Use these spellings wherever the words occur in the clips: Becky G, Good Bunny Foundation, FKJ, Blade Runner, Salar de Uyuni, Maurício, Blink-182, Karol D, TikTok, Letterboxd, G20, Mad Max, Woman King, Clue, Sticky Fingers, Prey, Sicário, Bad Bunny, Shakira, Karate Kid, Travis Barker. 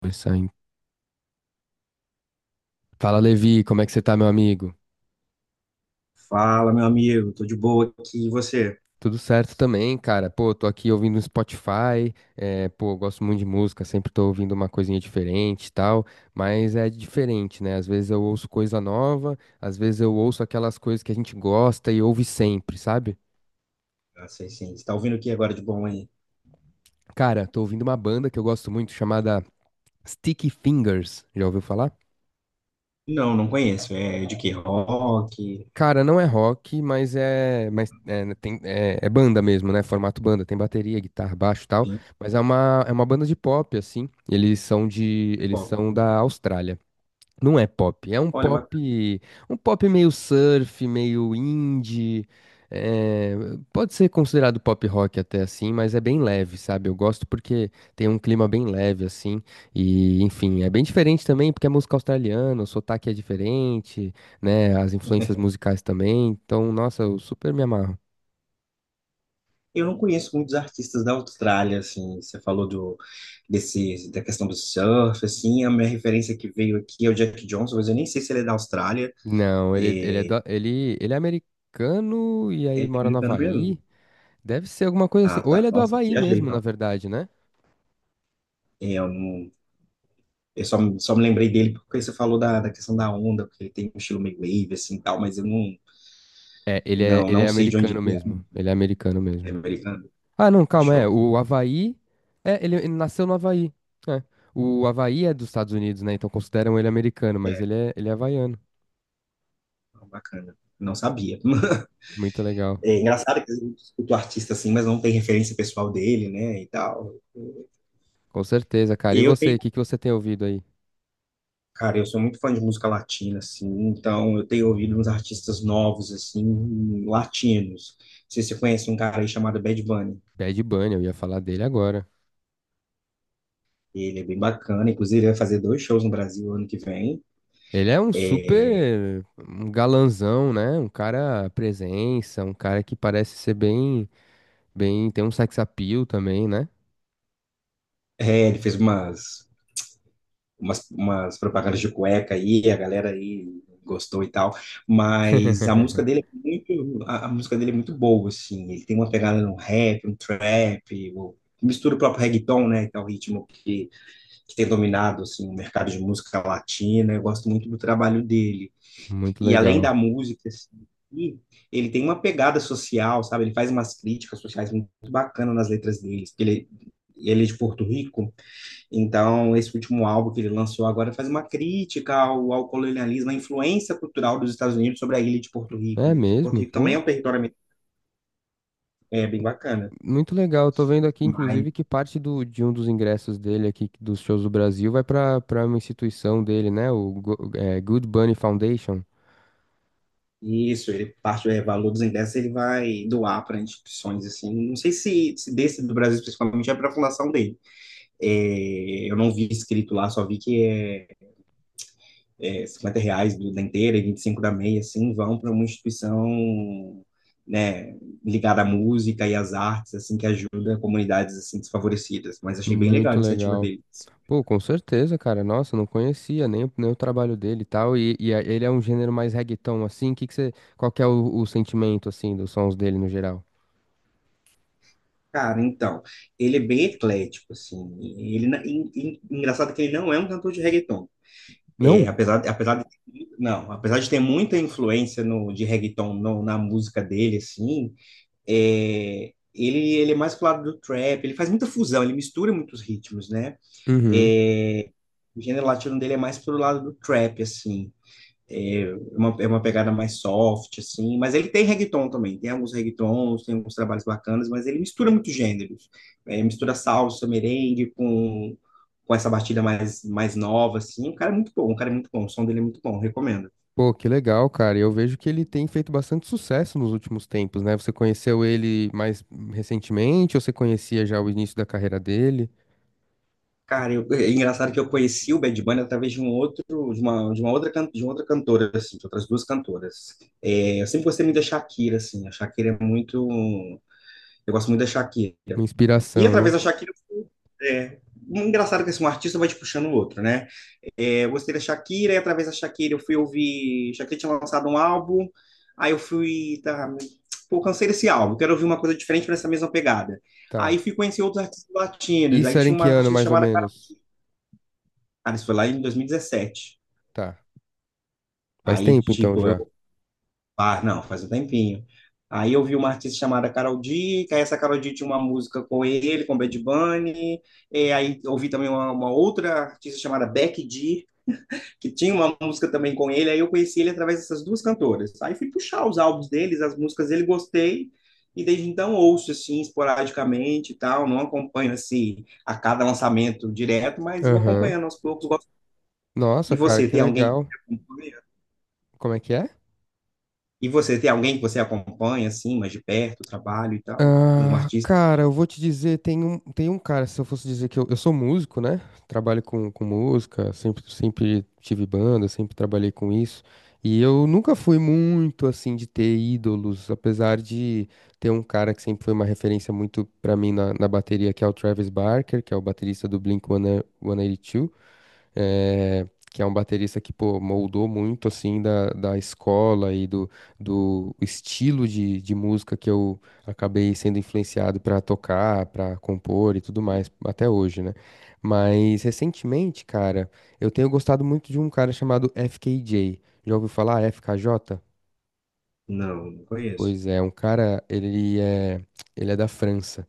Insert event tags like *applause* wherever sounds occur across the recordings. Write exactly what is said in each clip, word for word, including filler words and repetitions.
Conversar em- Fala, Levi, como é que você tá, meu amigo? Fala, meu amigo, tô de boa aqui, e você? Tudo certo também, cara. Pô, tô aqui ouvindo um Spotify, é, pô, eu gosto muito de música, sempre tô ouvindo uma coisinha diferente e tal, mas é diferente, né? Às vezes eu ouço coisa nova, às vezes eu ouço aquelas coisas que a gente gosta e ouve sempre, sabe? Ah, sei sim, você tá ouvindo o que agora de bom aí? Cara, tô ouvindo uma banda que eu gosto muito chamada Sticky Fingers. Já ouviu falar? Não, não conheço, é de que rock, Cara, não é rock, mas é, mas é, né, tem, é, é banda mesmo, né? Formato banda, tem bateria, guitarra, baixo, e tal. enfim, Mas é uma, é uma banda de pop assim. Eles são de, eles pô, são da Austrália. Não é pop, é um olha, bacana. pop, um pop meio surf, meio indie, é, pode ser considerado pop rock até assim, mas é bem leve, sabe? Eu gosto porque tem um clima bem leve assim, e enfim, é bem diferente também porque é música australiana, o sotaque é diferente, né? As influências *laughs* musicais também, então, nossa, eu super me amarro. Eu não conheço muitos artistas da Austrália, assim, você falou do, desse, da questão do surf, assim, a minha referência que veio aqui é o Jack Johnson, mas eu nem sei se ele é da Austrália, Não, ele, ele é, é, do- ele, ele é americano e aí ele é mora no americano Havaí, mesmo? deve ser alguma coisa assim, Ah, ou ele tá, é do nossa, Havaí viajei, mesmo, na então, verdade, né? é, eu não... Eu só, me- só me lembrei dele porque você falou da, da questão da onda, porque ele tem um estilo meio wave, assim, tal, mas eu não, É, ele é, não, ele não é sei de onde americano ele mesmo. Ele é americano é, é mesmo. americano. Ah, não, calma, Achou. é. O Havaí. É, ele, ele nasceu no Havaí. É. O Havaí é dos Estados Unidos, né? Então consideram ele americano, mas É, ele é, ele é havaiano. bacana. Não sabia. *laughs* Muito legal. É engraçado que eu escuto artista assim, mas não tem referência pessoal dele, né, e tal. Com certeza, cara. E E eu você, o tenho, que que você tem ouvido aí? cara, eu sou muito fã de música latina, assim, então eu tenho ouvido uns artistas novos, assim, latinos. Não sei se você conhece um cara aí chamado Bad Bunny. Bad Bunny, eu ia falar dele agora. Ele é bem bacana, inclusive ele vai fazer dois shows no Brasil ano que vem. Ele é um super um galanzão, né? Um cara presença, um cara que parece ser bem, bem, tem um sex appeal também, né? É, ele fez umas umas, umas propagandas de cueca aí, a galera aí gostou e tal, mas a música *laughs* dele é muito, a, a música dele é muito boa, assim, ele tem uma pegada no rap, no trap, o- mistura o próprio reggaeton, né, que é o ritmo que, que tem dominado, assim, o mercado de música latina, eu gosto muito do trabalho dele, Muito e além legal. da música, assim, e ele tem uma pegada social, sabe, ele faz umas críticas sociais muito bacanas nas letras dele, porque ele, ele é de Porto Rico, então, esse último álbum que ele lançou agora faz uma crítica ao, ao colonialismo, à influência cultural dos Estados Unidos sobre a ilha de Porto Rico, É ali, que Porto mesmo, Rico também pô. é um território, é, bem bacana. Muito legal. Eu tô vendo aqui, Mas inclusive, que parte do, de um dos ingressos dele aqui, dos shows do Brasil, vai pra para uma instituição dele, né? O Go- é, Good Bunny Foundation. isso, ele parte do é, valor dos ingressos, ele vai doar para instituições assim. Não sei se, se desse do Brasil principalmente é para a fundação dele. É, eu não vi escrito lá, só vi que é é, cinquenta reais do, da inteira e vinte e cinco da meia, assim, vão para uma instituição, né, ligada à música e às artes, assim, que ajuda comunidades assim desfavorecidas. Mas achei bem legal a Muito iniciativa legal. deles. Pô, com certeza, cara. Nossa, não conhecia nem, o- nem o trabalho dele e tal. E, e a- ele é um gênero mais reggaeton, assim. Que que você, qual que é o, o sentimento, assim, dos sons dele no geral? Cara, então, ele é bem eclético, assim. E Ele, na- en- en- Engraçado que ele não é um cantor de reggaeton. É, Não? apesar, apesar de, não, apesar de ter muita influência no, de reggaeton no- na música dele, assim, é, ele, ele é mais pro lado do trap, ele faz muita fusão, ele mistura muitos ritmos, né? Uhum. É, o gênero latino dele é mais pro lado do trap, assim. É uma, é uma pegada mais soft, assim. Mas ele tem reggaeton também. Tem alguns reggaetons, tem alguns trabalhos bacanas, mas ele mistura muito gêneros. É, mistura salsa, merengue com, com essa batida mais, mais nova, assim. O cara é muito bom, o cara é muito bom. O som dele é muito bom, recomendo. Pô, que legal, cara. E eu vejo que ele tem feito bastante sucesso nos últimos tempos, né? Você conheceu ele mais recentemente ou você conhecia já o início da carreira dele? Cara, eu, é engraçado que eu conheci o Bad Bunny através de um outro, de uma, de uma outra, can- de uma outra cantora, assim, de outras duas cantoras. É, eu sempre gostei muito da Shakira, assim. A Shakira é muito, eu gosto muito da Shakira. Uma E inspiração, através né? da Shakira, é, um engraçado que assim, um artista vai te puxando o outro, né? É, eu gostei da Shakira, e através da Shakira eu fui ouvir. Shakira tinha lançado um álbum, aí eu fui. Tá, pô, cansei desse álbum, quero ouvir uma coisa diferente para mesma pegada. Aí Tá. fui conhecer outros artistas latinos, aí Isso era tinha em uma que ano, artista mais ou chamada, menos? cara, isso foi lá em dois mil e dezessete. Tá. Faz Aí, tempo, então, tipo, já. eu Ah, não, faz um tempinho. Aí eu vi uma artista chamada Karol D, que aí essa Karol D tinha uma música com ele, com Bad Bunny. E aí eu ouvi também uma, uma outra artista chamada Becky G, que tinha uma música também com ele. Aí eu conheci ele através dessas duas cantoras. Aí fui puxar os álbuns deles, as músicas dele, gostei. E desde então ouço, assim, esporadicamente e tal. Não acompanho, assim, a cada lançamento direto, mas vou Aham. acompanhando aos poucos. Gosto. Nossa, E cara, você, que tem alguém que legal. acompanha? Como é que é? E você tem alguém que você acompanha, assim, mais de perto, o trabalho e tal? Um Ah, artista? cara, eu vou te dizer, tem um, tem um cara, se eu fosse dizer que eu, eu sou músico, né? Trabalho com, com música, sempre, sempre tive banda, sempre trabalhei com isso. E eu nunca fui muito assim de ter ídolos, apesar de ter um cara que sempre foi uma referência muito pra mim na, na bateria, que é o Travis Barker, que é o baterista do Blink um oito dois eh, que é um baterista que, pô, moldou muito, assim, da, da escola e do, do estilo de, de música que eu acabei sendo influenciado pra tocar, pra compor e tudo mais, até hoje, né? Mas, recentemente, cara, eu tenho gostado muito de um cara chamado F K J. Já ouviu falar F K J? Não, não conheço. Pois é, um cara, ele é, ele é da França.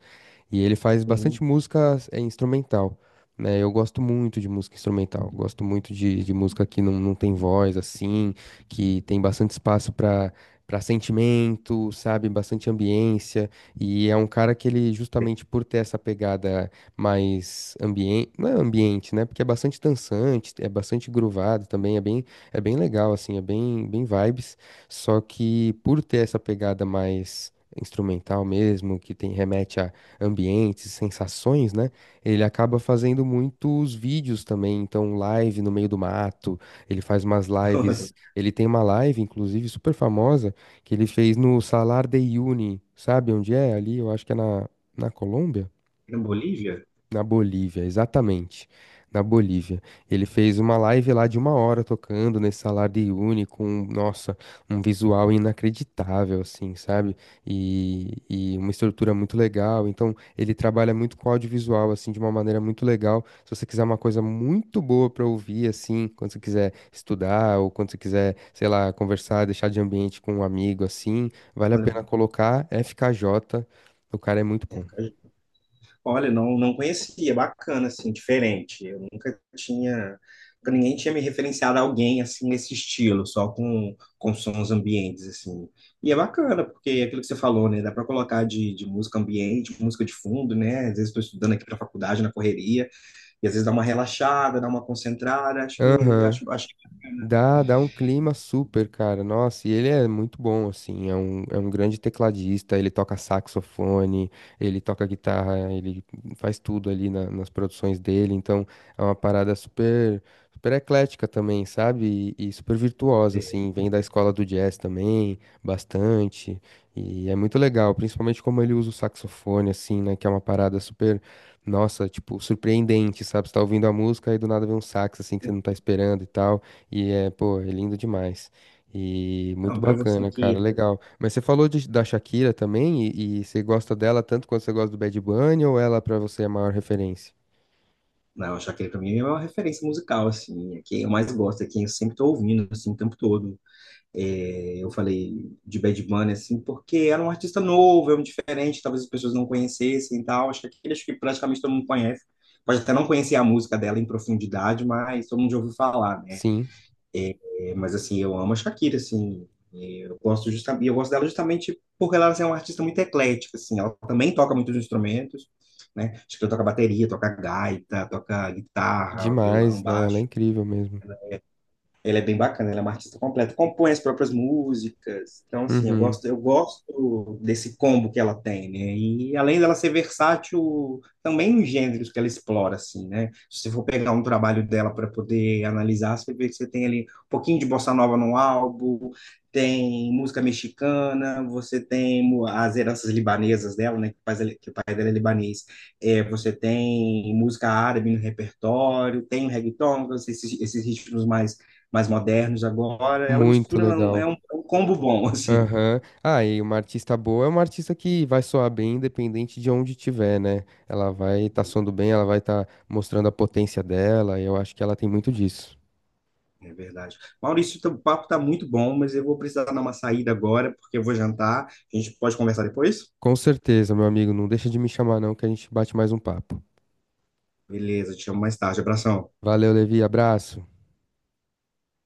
E ele faz Hum. bastante música é, instrumental, né? Eu gosto muito de música instrumental, gosto muito de, de música que não, não tem voz, assim, que tem bastante espaço para para sentimento, sabe? Bastante ambiência. E é um cara que ele, justamente por ter essa pegada mais ambiente, não é ambiente, né? Porque é bastante dançante, é bastante groovado também, é bem, é bem legal, assim, é bem, bem vibes. Só que por ter essa pegada mais instrumental mesmo, que tem remete a ambientes, sensações, né? Ele acaba fazendo muitos vídeos também, então live no meio do mato, ele faz umas lives, *laughs* ele tem uma live, inclusive, super famosa, que ele fez no Salar de Uyuni, sabe onde é? Ali, eu acho que é na, na Colômbia. Na Bolívia? Na Bolívia, exatamente. Na Bolívia. Ele fez uma live lá de uma hora tocando nesse salário de uni com, nossa, um visual inacreditável, assim, sabe? E, e uma estrutura muito legal. Então, ele trabalha muito com audiovisual, assim, de uma maneira muito legal. Se você quiser uma coisa muito boa pra ouvir, assim, quando você quiser estudar ou quando você quiser, sei lá, conversar, deixar de ambiente com um amigo, assim, vale a Olha, pena colocar F K J. O cara é muito é, bom. olha, não, não conhecia. É bacana, assim, diferente. Eu nunca tinha, nunca ninguém tinha me referenciado a alguém, assim, nesse estilo, só com, com sons ambientes, assim. E é bacana, porque é aquilo que você falou, né, dá para colocar de, de música ambiente, música de fundo, né, às vezes estou estudando aqui para faculdade, na correria, e às vezes dá uma relaxada, dá uma concentrada, acho que Aham. acho, acho que é bacana Dá, dá um clima super, cara. Nossa, e ele é muito bom, assim. É um, é um grande tecladista. Ele toca saxofone, ele toca guitarra, ele faz tudo ali na- nas produções dele. Então, é uma parada super, super eclética também, sabe? E, e super virtuosa, ter. assim. Vem da escola do jazz também, bastante. E é muito legal, principalmente como ele usa o saxofone, assim, né? Que é uma parada super, nossa, tipo, surpreendente, sabe? Você tá ouvindo a música e do nada vem um sax, assim, que você não tá esperando e tal. E é, pô, é lindo demais. E muito Não, para você bacana, cara, que. Tá, legal. Mas você falou de- da Shakira também, e, e você gosta dela tanto quanto você gosta do Bad Bunny, ou ela pra você é a maior referência? Não, a Shakira para mim é uma referência musical, assim. É quem eu mais gosto, é quem eu sempre tô ouvindo, assim, o tempo todo. É, eu falei de Bad Bunny, assim, porque era um artista novo, é um diferente, talvez as pessoas não conhecessem e tal. Acho que aquele, acho que praticamente todo mundo conhece. Pode até não conhecer a música dela em profundidade, mas todo mundo já ouviu falar, né? Sim, É, mas assim, eu amo a Shakira, assim, e eu gosto justamente, eu gosto dela justamente porque ela assim, é uma artista muito eclética, assim, ela também toca muitos instrumentos, né? Acho que ela toca bateria, toca gaita, toca guitarra, violão, demais. Não, ela é baixo. incrível mesmo. Ele é bem bacana, ele é um artista completo, compõe as próprias músicas. Então, assim, eu Uhum, gosto, eu gosto desse combo que ela tem, né? E além dela ser versátil, também nos gêneros que ela explora, assim, né? Se você for pegar um trabalho dela para poder analisar, você vê que você tem ali um pouquinho de bossa nova no álbum, tem música mexicana, você tem mu- as heranças libanesas dela, né? Que, faz, que o pai dela é libanês. É, você tem música árabe no repertório, tem o reggaeton, então, esses, esses ritmos mais mais modernos agora. Ela muito mistura, é um- é legal. um, é um combo bom, *laughs* assim. Aham. Ah, e uma artista boa é uma artista que vai soar bem independente de onde estiver, né? Ela vai estar soando bem, ela vai estar mostrando a potência dela, e eu acho que ela tem muito disso. É verdade. Maurício, o papo está muito bom, mas eu vou precisar dar uma saída agora, porque eu vou jantar. A gente pode conversar depois? Com certeza, meu amigo, não deixa de me chamar não, que a gente bate mais um papo. Beleza, te chamo mais tarde. Abração. Valeu, Levi. Abraço.